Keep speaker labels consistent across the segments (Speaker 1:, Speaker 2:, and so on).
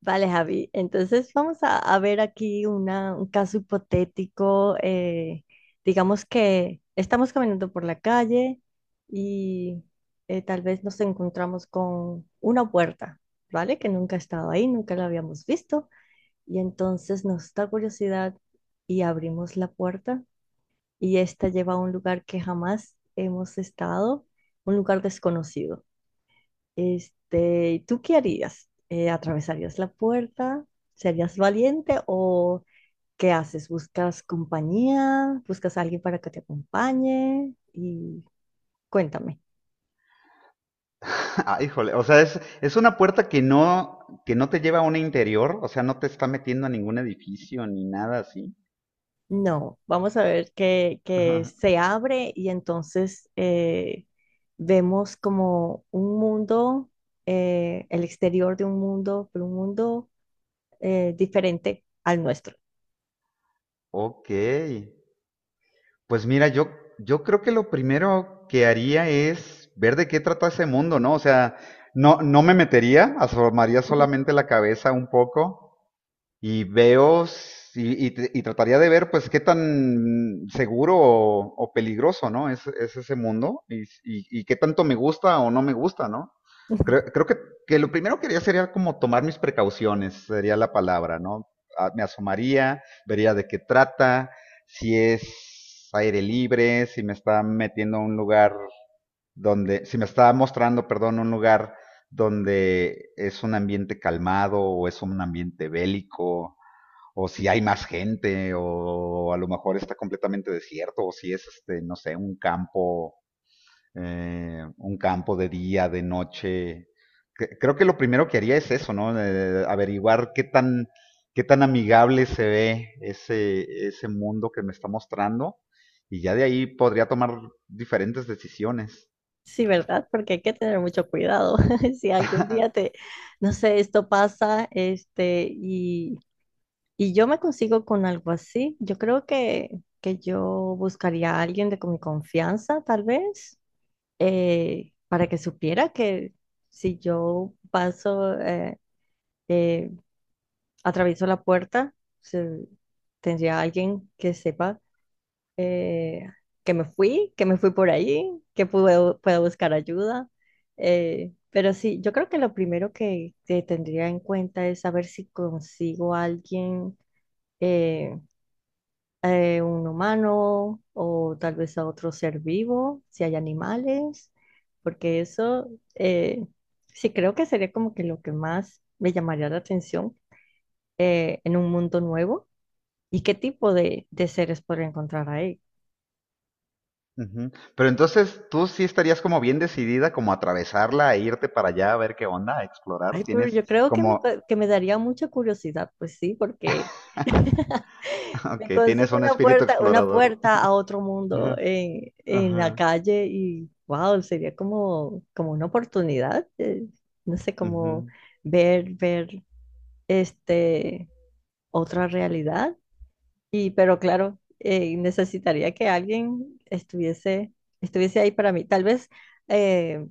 Speaker 1: Vale, Javi. Entonces vamos a ver aquí un caso hipotético. Digamos que estamos caminando por la calle y tal vez nos encontramos con una puerta, ¿vale? Que nunca ha estado ahí, nunca la habíamos visto. Y entonces nos da curiosidad y abrimos la puerta, y esta lleva a un lugar que jamás hemos estado, un lugar desconocido. Este, ¿tú qué harías? ¿Eh, atravesarías la puerta? ¿Serías valiente o qué haces? ¿Buscas compañía? ¿Buscas a alguien para que te acompañe? Y cuéntame.
Speaker 2: Ah, híjole, o sea, es una puerta que no te lleva a un interior, o sea, no te está metiendo a ningún edificio ni nada así.
Speaker 1: No, vamos a ver que
Speaker 2: Ajá.
Speaker 1: se abre y entonces vemos como un mundo, el exterior de un mundo, pero un mundo diferente al nuestro.
Speaker 2: Ok, pues mira, yo creo que lo primero que haría es ver de qué trata ese mundo, ¿no? O sea, no me metería, asomaría solamente la cabeza un poco y y trataría de ver pues qué tan seguro o peligroso, ¿no? Es ese mundo y, y qué tanto me gusta o no me gusta, ¿no? Creo que lo primero que haría sería como tomar mis precauciones, sería la palabra, ¿no? Me asomaría, vería de qué trata, si es aire libre, si me está metiendo a un lugar donde, si me está mostrando, perdón, un lugar donde es un ambiente calmado o es un ambiente bélico, o si hay más gente, o a lo mejor está completamente desierto, o si es, este, no sé, un campo de día, de noche. Que- Creo que lo primero que haría es eso, ¿no? Averiguar qué tan amigable se ve ese, ese mundo que me está mostrando, y ya de ahí podría tomar diferentes decisiones.
Speaker 1: Sí, ¿verdad? Porque hay que tener mucho cuidado. Si algún día te, no sé, esto pasa, este, y yo me consigo con algo así, yo creo que yo buscaría a alguien de con mi confianza, tal vez, para que supiera que si yo paso, eh, atravieso la puerta, se- tendría alguien que sepa eh, que me fui por ahí, que puedo, puedo buscar ayuda. Pero sí, yo creo que lo primero que tendría en cuenta es saber si consigo a alguien, eh, un humano o tal vez a otro ser vivo, si hay animales, porque eso eh, sí creo que sería como que lo que más me llamaría la atención en un mundo nuevo. ¿Y qué tipo de seres podría encontrar ahí?
Speaker 2: Ujú. Pero entonces, tú sí estarías como bien decidida como a atravesarla e irte para allá a ver qué onda, a explorar.
Speaker 1: Ay, pero
Speaker 2: ¿Tienes
Speaker 1: yo creo que
Speaker 2: como
Speaker 1: que me daría mucha curiosidad, pues sí, porque
Speaker 2: Ok,
Speaker 1: me
Speaker 2: tienes
Speaker 1: consigo
Speaker 2: un espíritu
Speaker 1: una
Speaker 2: explorador.
Speaker 1: puerta a otro mundo
Speaker 2: Ajá.
Speaker 1: en la
Speaker 2: Ajá.
Speaker 1: calle y wow, sería como, como una oportunidad, no sé, como
Speaker 2: Ujú.
Speaker 1: ver, ver este otra realidad. Y pero claro, necesitaría que alguien estuviese ahí para mí. Tal vez eh,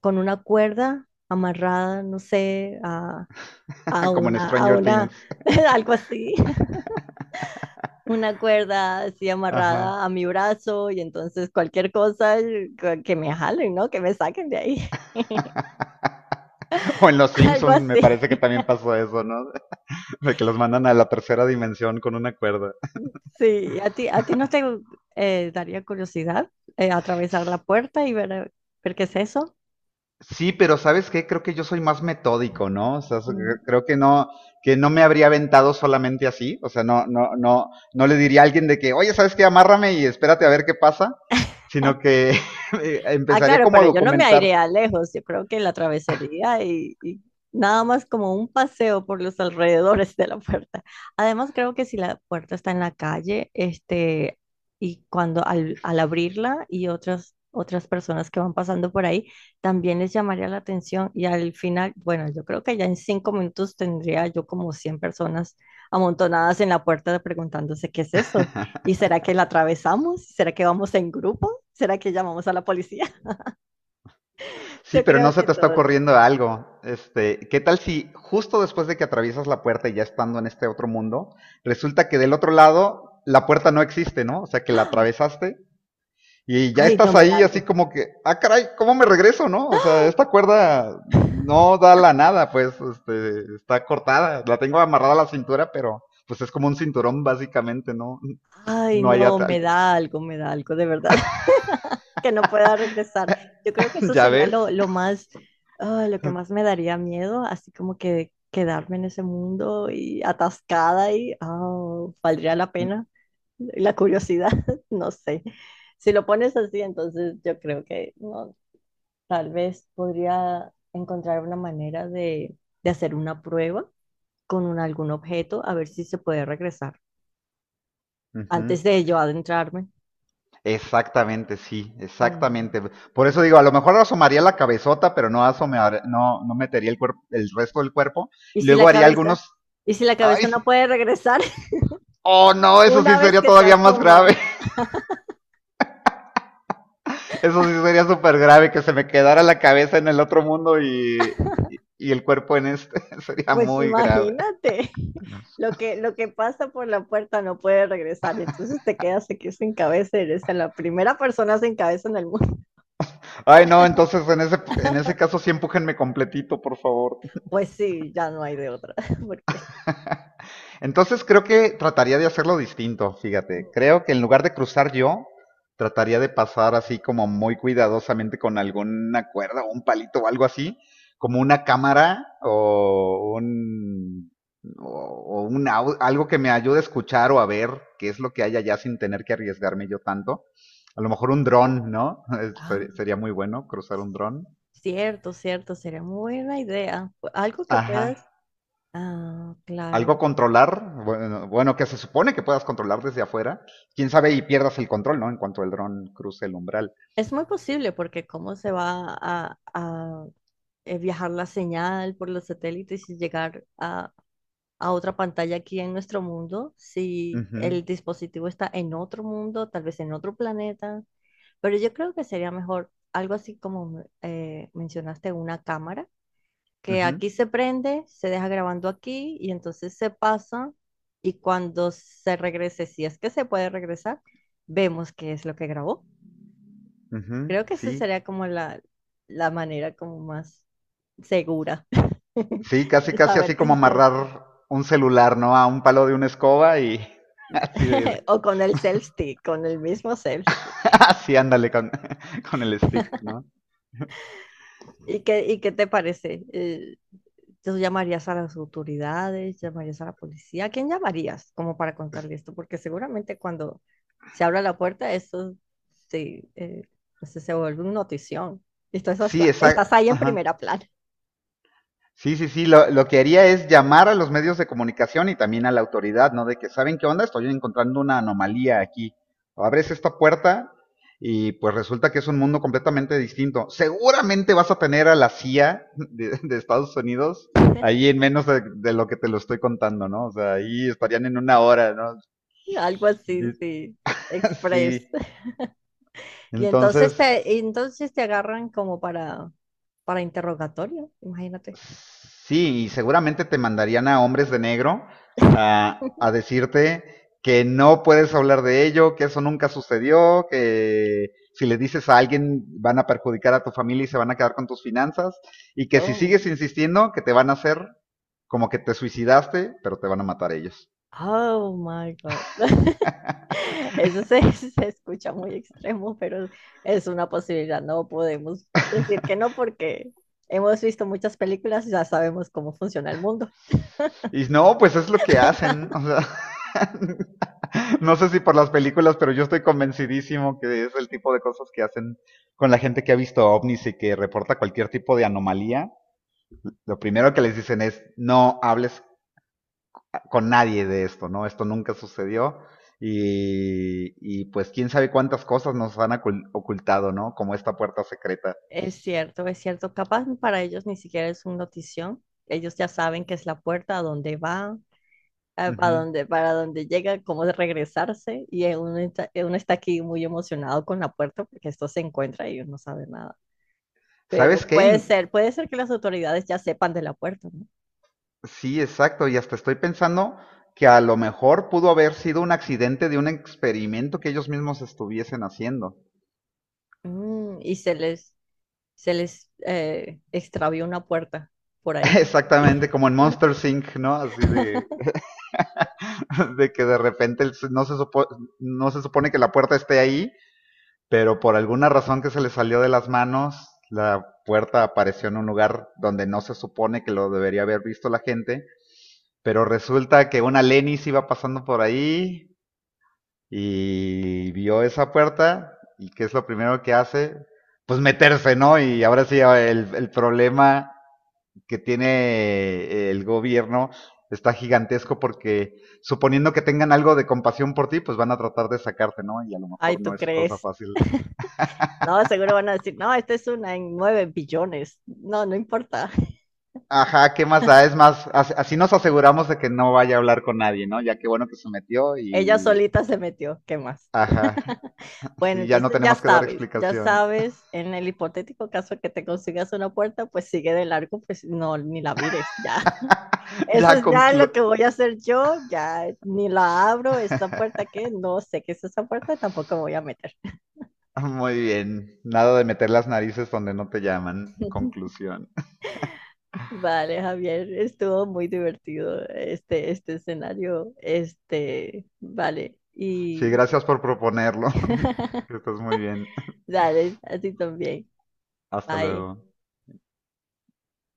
Speaker 1: con una cuerda amarrada, no sé, a
Speaker 2: Como en
Speaker 1: una, a
Speaker 2: Stranger
Speaker 1: una,
Speaker 2: Things.
Speaker 1: algo así, una cuerda así
Speaker 2: Ajá.
Speaker 1: amarrada a mi brazo y entonces cualquier cosa que me jalen, ¿no? Que me saquen de ahí.
Speaker 2: O en Los
Speaker 1: Algo
Speaker 2: Simpsons me
Speaker 1: así.
Speaker 2: parece que también pasó eso, ¿no? De que los mandan a la tercera dimensión con una cuerda.
Speaker 1: Sí, a ti no te daría curiosidad atravesar la puerta y ver, ver qué es eso?
Speaker 2: Sí, pero ¿sabes qué? Creo que yo soy más metódico, ¿no? O sea, so- cre-
Speaker 1: Mm.
Speaker 2: creo que no me habría aventado solamente así. O sea, no, no, no, no le diría a alguien de que, oye, ¿sabes qué? Amárrame y espérate a ver qué pasa. Sino que
Speaker 1: Ah,
Speaker 2: empezaría
Speaker 1: claro,
Speaker 2: como a
Speaker 1: pero yo no me
Speaker 2: documentar.
Speaker 1: airea lejos. Yo creo que la travesaría y nada más como un paseo por los alrededores de la puerta. Además, creo que si la puerta está en la calle, este, y cuando al abrirla y otras personas que van pasando por ahí, también les llamaría la atención y al final, bueno, yo creo que ya en 5 minutos tendría yo como 100 personas amontonadas en la puerta preguntándose qué es eso. ¿Y será que la atravesamos? ¿Será que vamos en grupo? ¿Será que llamamos a la policía?
Speaker 2: Sí,
Speaker 1: Yo
Speaker 2: pero
Speaker 1: creo
Speaker 2: no se
Speaker 1: que
Speaker 2: te está
Speaker 1: todo.
Speaker 2: ocurriendo algo. Este, ¿qué tal si justo después de que atraviesas la puerta y ya estando en este otro mundo, resulta que del otro lado la puerta no existe, ¿no? O sea, que la atravesaste y ya
Speaker 1: Ay, no,
Speaker 2: estás
Speaker 1: me da
Speaker 2: ahí así
Speaker 1: algo.
Speaker 2: como que, ah, caray, ¿cómo me regreso, no? O sea, esta cuerda no da la nada, pues, este, está cortada. La tengo amarrada a la cintura, pero pues es como un cinturón básicamente, ¿no?
Speaker 1: Ay,
Speaker 2: No hay
Speaker 1: no,
Speaker 2: atal.
Speaker 1: me da algo, de verdad. Que no pueda regresar. Yo creo que eso
Speaker 2: ¿Ya
Speaker 1: sería
Speaker 2: ves?
Speaker 1: lo más, ah, lo que más me daría miedo, así como que quedarme en ese mundo y atascada y, ah, ¿valdría la pena? La curiosidad, no sé. Si lo pones así, entonces yo creo que no, tal vez podría encontrar una manera de hacer una prueba con algún objeto a ver si se puede regresar
Speaker 2: Ujú.
Speaker 1: antes de yo adentrarme.
Speaker 2: Exactamente, sí,
Speaker 1: Mm.
Speaker 2: exactamente. Por eso digo, a lo mejor asomaría la cabezota, pero no asomar, no, no metería el cuerpo, el resto del cuerpo.
Speaker 1: ¿Y
Speaker 2: Y
Speaker 1: si
Speaker 2: luego
Speaker 1: la
Speaker 2: haría
Speaker 1: cabeza?
Speaker 2: algunos.
Speaker 1: ¿Y si la cabeza
Speaker 2: ¡Ay!
Speaker 1: no puede regresar
Speaker 2: Oh no, eso sí
Speaker 1: una vez
Speaker 2: sería
Speaker 1: que te
Speaker 2: todavía más
Speaker 1: asomas?
Speaker 2: grave. Eso sí sería súper grave que se me quedara la cabeza en el otro mundo y y el cuerpo en este. Sería
Speaker 1: Pues
Speaker 2: muy grave.
Speaker 1: imagínate, lo que pasa por la puerta no puede regresar, entonces te quedas aquí sin cabeza, eres la primera persona sin cabeza en el mundo.
Speaker 2: Ay no, entonces en ese caso sí empújenme completito, por favor.
Speaker 1: Pues sí, ya no hay de otra, porque...
Speaker 2: Entonces creo que trataría de hacerlo distinto, fíjate. Creo que en lugar de cruzar yo, trataría de pasar así como muy cuidadosamente con alguna cuerda o un palito o algo así, como una cámara o o un au- algo que me ayude a escuchar o a ver qué es lo que hay allá sin tener que arriesgarme yo tanto. A lo mejor un dron, ¿no?
Speaker 1: Ah,
Speaker 2: Ser- Sería muy bueno cruzar un dron.
Speaker 1: cierto, cierto, sería muy buena idea. Algo que
Speaker 2: Ajá.
Speaker 1: puedas... Ah,
Speaker 2: Algo
Speaker 1: claro.
Speaker 2: a controlar, bueno, que se supone que puedas controlar desde afuera, quién sabe y pierdas el control, ¿no? En cuanto el dron cruce el umbral.
Speaker 1: Es muy posible porque cómo se va viajar la señal por los satélites y llegar a otra pantalla aquí en nuestro mundo si
Speaker 2: Ujú,
Speaker 1: el dispositivo está en otro mundo, tal vez en otro planeta. Pero yo creo que sería mejor algo así como mencionaste, una cámara, que
Speaker 2: ujú,
Speaker 1: aquí se prende, se deja grabando aquí y entonces se pasa y cuando se regrese, si es que se puede regresar, vemos qué es lo que grabó.
Speaker 2: ujú.
Speaker 1: Creo que esa
Speaker 2: Sí,
Speaker 1: sería como la manera como más segura
Speaker 2: sí, casi,
Speaker 1: de
Speaker 2: casi
Speaker 1: saber
Speaker 2: así
Speaker 1: que
Speaker 2: como
Speaker 1: existe.
Speaker 2: amarrar un celular, ¿no? A un palo de una escoba y así de,
Speaker 1: O con el self-stick, con el mismo self-stick.
Speaker 2: así ándale con, con el stick, ¿no?
Speaker 1: Y qué te parece? ¿Tú llamarías a las autoridades? ¿Llamarías a la policía? ¿A quién llamarías como para contarle esto? Porque seguramente cuando se abra la puerta, esto sí, pues se vuelve una notición. Y tú
Speaker 2: Sí,
Speaker 1: estás
Speaker 2: esa,
Speaker 1: ahí en primera
Speaker 2: ajá.
Speaker 1: plana.
Speaker 2: Sí, sí, lo que haría es llamar a los medios de comunicación y también a la autoridad, ¿no? De que, ¿saben qué onda? Estoy encontrando una anomalía aquí. Abres esta puerta y pues resulta que es un mundo completamente distinto. Seguramente vas a tener a la CIA de Estados Unidos ahí en menos de lo que te lo estoy contando, ¿no? O sea, ahí estarían en una hora, ¿no?
Speaker 1: Algo así, sí. Express.
Speaker 2: Sí, entonces.
Speaker 1: Y entonces te agarran como para interrogatorio, imagínate.
Speaker 2: Sí, y seguramente te mandarían a hombres de negro a decirte que no puedes hablar de ello, que eso nunca sucedió, que si le dices a alguien van a perjudicar a tu familia y se van a quedar con tus finanzas, y que si
Speaker 1: Oh,
Speaker 2: sigues insistiendo, que te van a hacer como que te suicidaste, pero te van a matar ellos.
Speaker 1: oh my God. Eso se escucha muy extremo, pero es una posibilidad. No podemos decir que no porque hemos visto muchas películas y ya sabemos cómo funciona el mundo.
Speaker 2: Y no, pues es lo que hacen. O sea, no sé si por las películas, pero yo estoy convencidísimo que es el tipo de cosas que hacen con la gente que ha visto ovnis y que reporta cualquier tipo de anomalía. Lo primero que les dicen es, no hables con nadie de esto, ¿no? Esto nunca sucedió. Y pues quién sabe cuántas cosas nos han ocul- ocultado, ¿no? Como esta puerta secreta.
Speaker 1: Es cierto, es cierto. Capaz para ellos ni siquiera es un notición. Ellos ya saben que es la puerta a dónde va, a
Speaker 2: Ujú.
Speaker 1: donde, para donde llega, cómo de regresarse, y uno está aquí muy emocionado con la puerta porque esto se encuentra y uno no sabe nada. Pero
Speaker 2: ¿Sabes qué? In-
Speaker 1: puede ser que las autoridades ya sepan de la puerta, ¿no?
Speaker 2: Sí, exacto. Y hasta estoy pensando que a lo mejor pudo haber sido un accidente de un experimento que ellos mismos estuviesen haciendo.
Speaker 1: Mm, se les extravió una puerta por ahí.
Speaker 2: Exactamente, como en Monster Inc., ¿no? Así de, de que de repente el- no se, supo- no se supone que la puerta esté ahí, pero por alguna razón que se le salió de las manos, la puerta apareció en un lugar donde no se supone que lo debería haber visto la gente, pero resulta que una Lenis iba pasando por ahí, y vio esa puerta y qué es lo primero que hace, pues meterse, ¿no? Y ahora sí, ah, el problema que tiene el gobierno está gigantesco porque suponiendo que tengan algo de compasión por ti, pues van a tratar de sacarte, ¿no? Y a lo
Speaker 1: Ay,
Speaker 2: mejor no
Speaker 1: ¿tú
Speaker 2: es cosa
Speaker 1: crees?
Speaker 2: fácil.
Speaker 1: No, seguro van a decir, no, esta es una en 9 billones. No, no importa.
Speaker 2: Ajá, ¿qué más da? Es más, así nos aseguramos de que no vaya a hablar con nadie, ¿no? Ya qué bueno que se metió
Speaker 1: Ella
Speaker 2: y...
Speaker 1: solita se metió, ¿qué más?
Speaker 2: Ajá,
Speaker 1: Bueno,
Speaker 2: sí, ya no
Speaker 1: entonces
Speaker 2: tenemos que dar
Speaker 1: ya
Speaker 2: explicación.
Speaker 1: sabes, en el hipotético caso que te consigas una puerta, pues sigue de largo, pues no, ni la mires, ya. Eso
Speaker 2: Ya
Speaker 1: es ya lo que
Speaker 2: conclu-
Speaker 1: voy a hacer yo, ya ni la abro, esta puerta que no sé qué es esa puerta, tampoco me voy a meter.
Speaker 2: Muy bien, nada de meter las narices donde no te llaman. Conclusión.
Speaker 1: Vale, Javier, estuvo muy divertido este, este escenario, este, vale,
Speaker 2: Sí,
Speaker 1: y
Speaker 2: gracias por proponerlo. Que estés muy bien.
Speaker 1: dale, a ti también,
Speaker 2: Hasta
Speaker 1: bye.
Speaker 2: luego.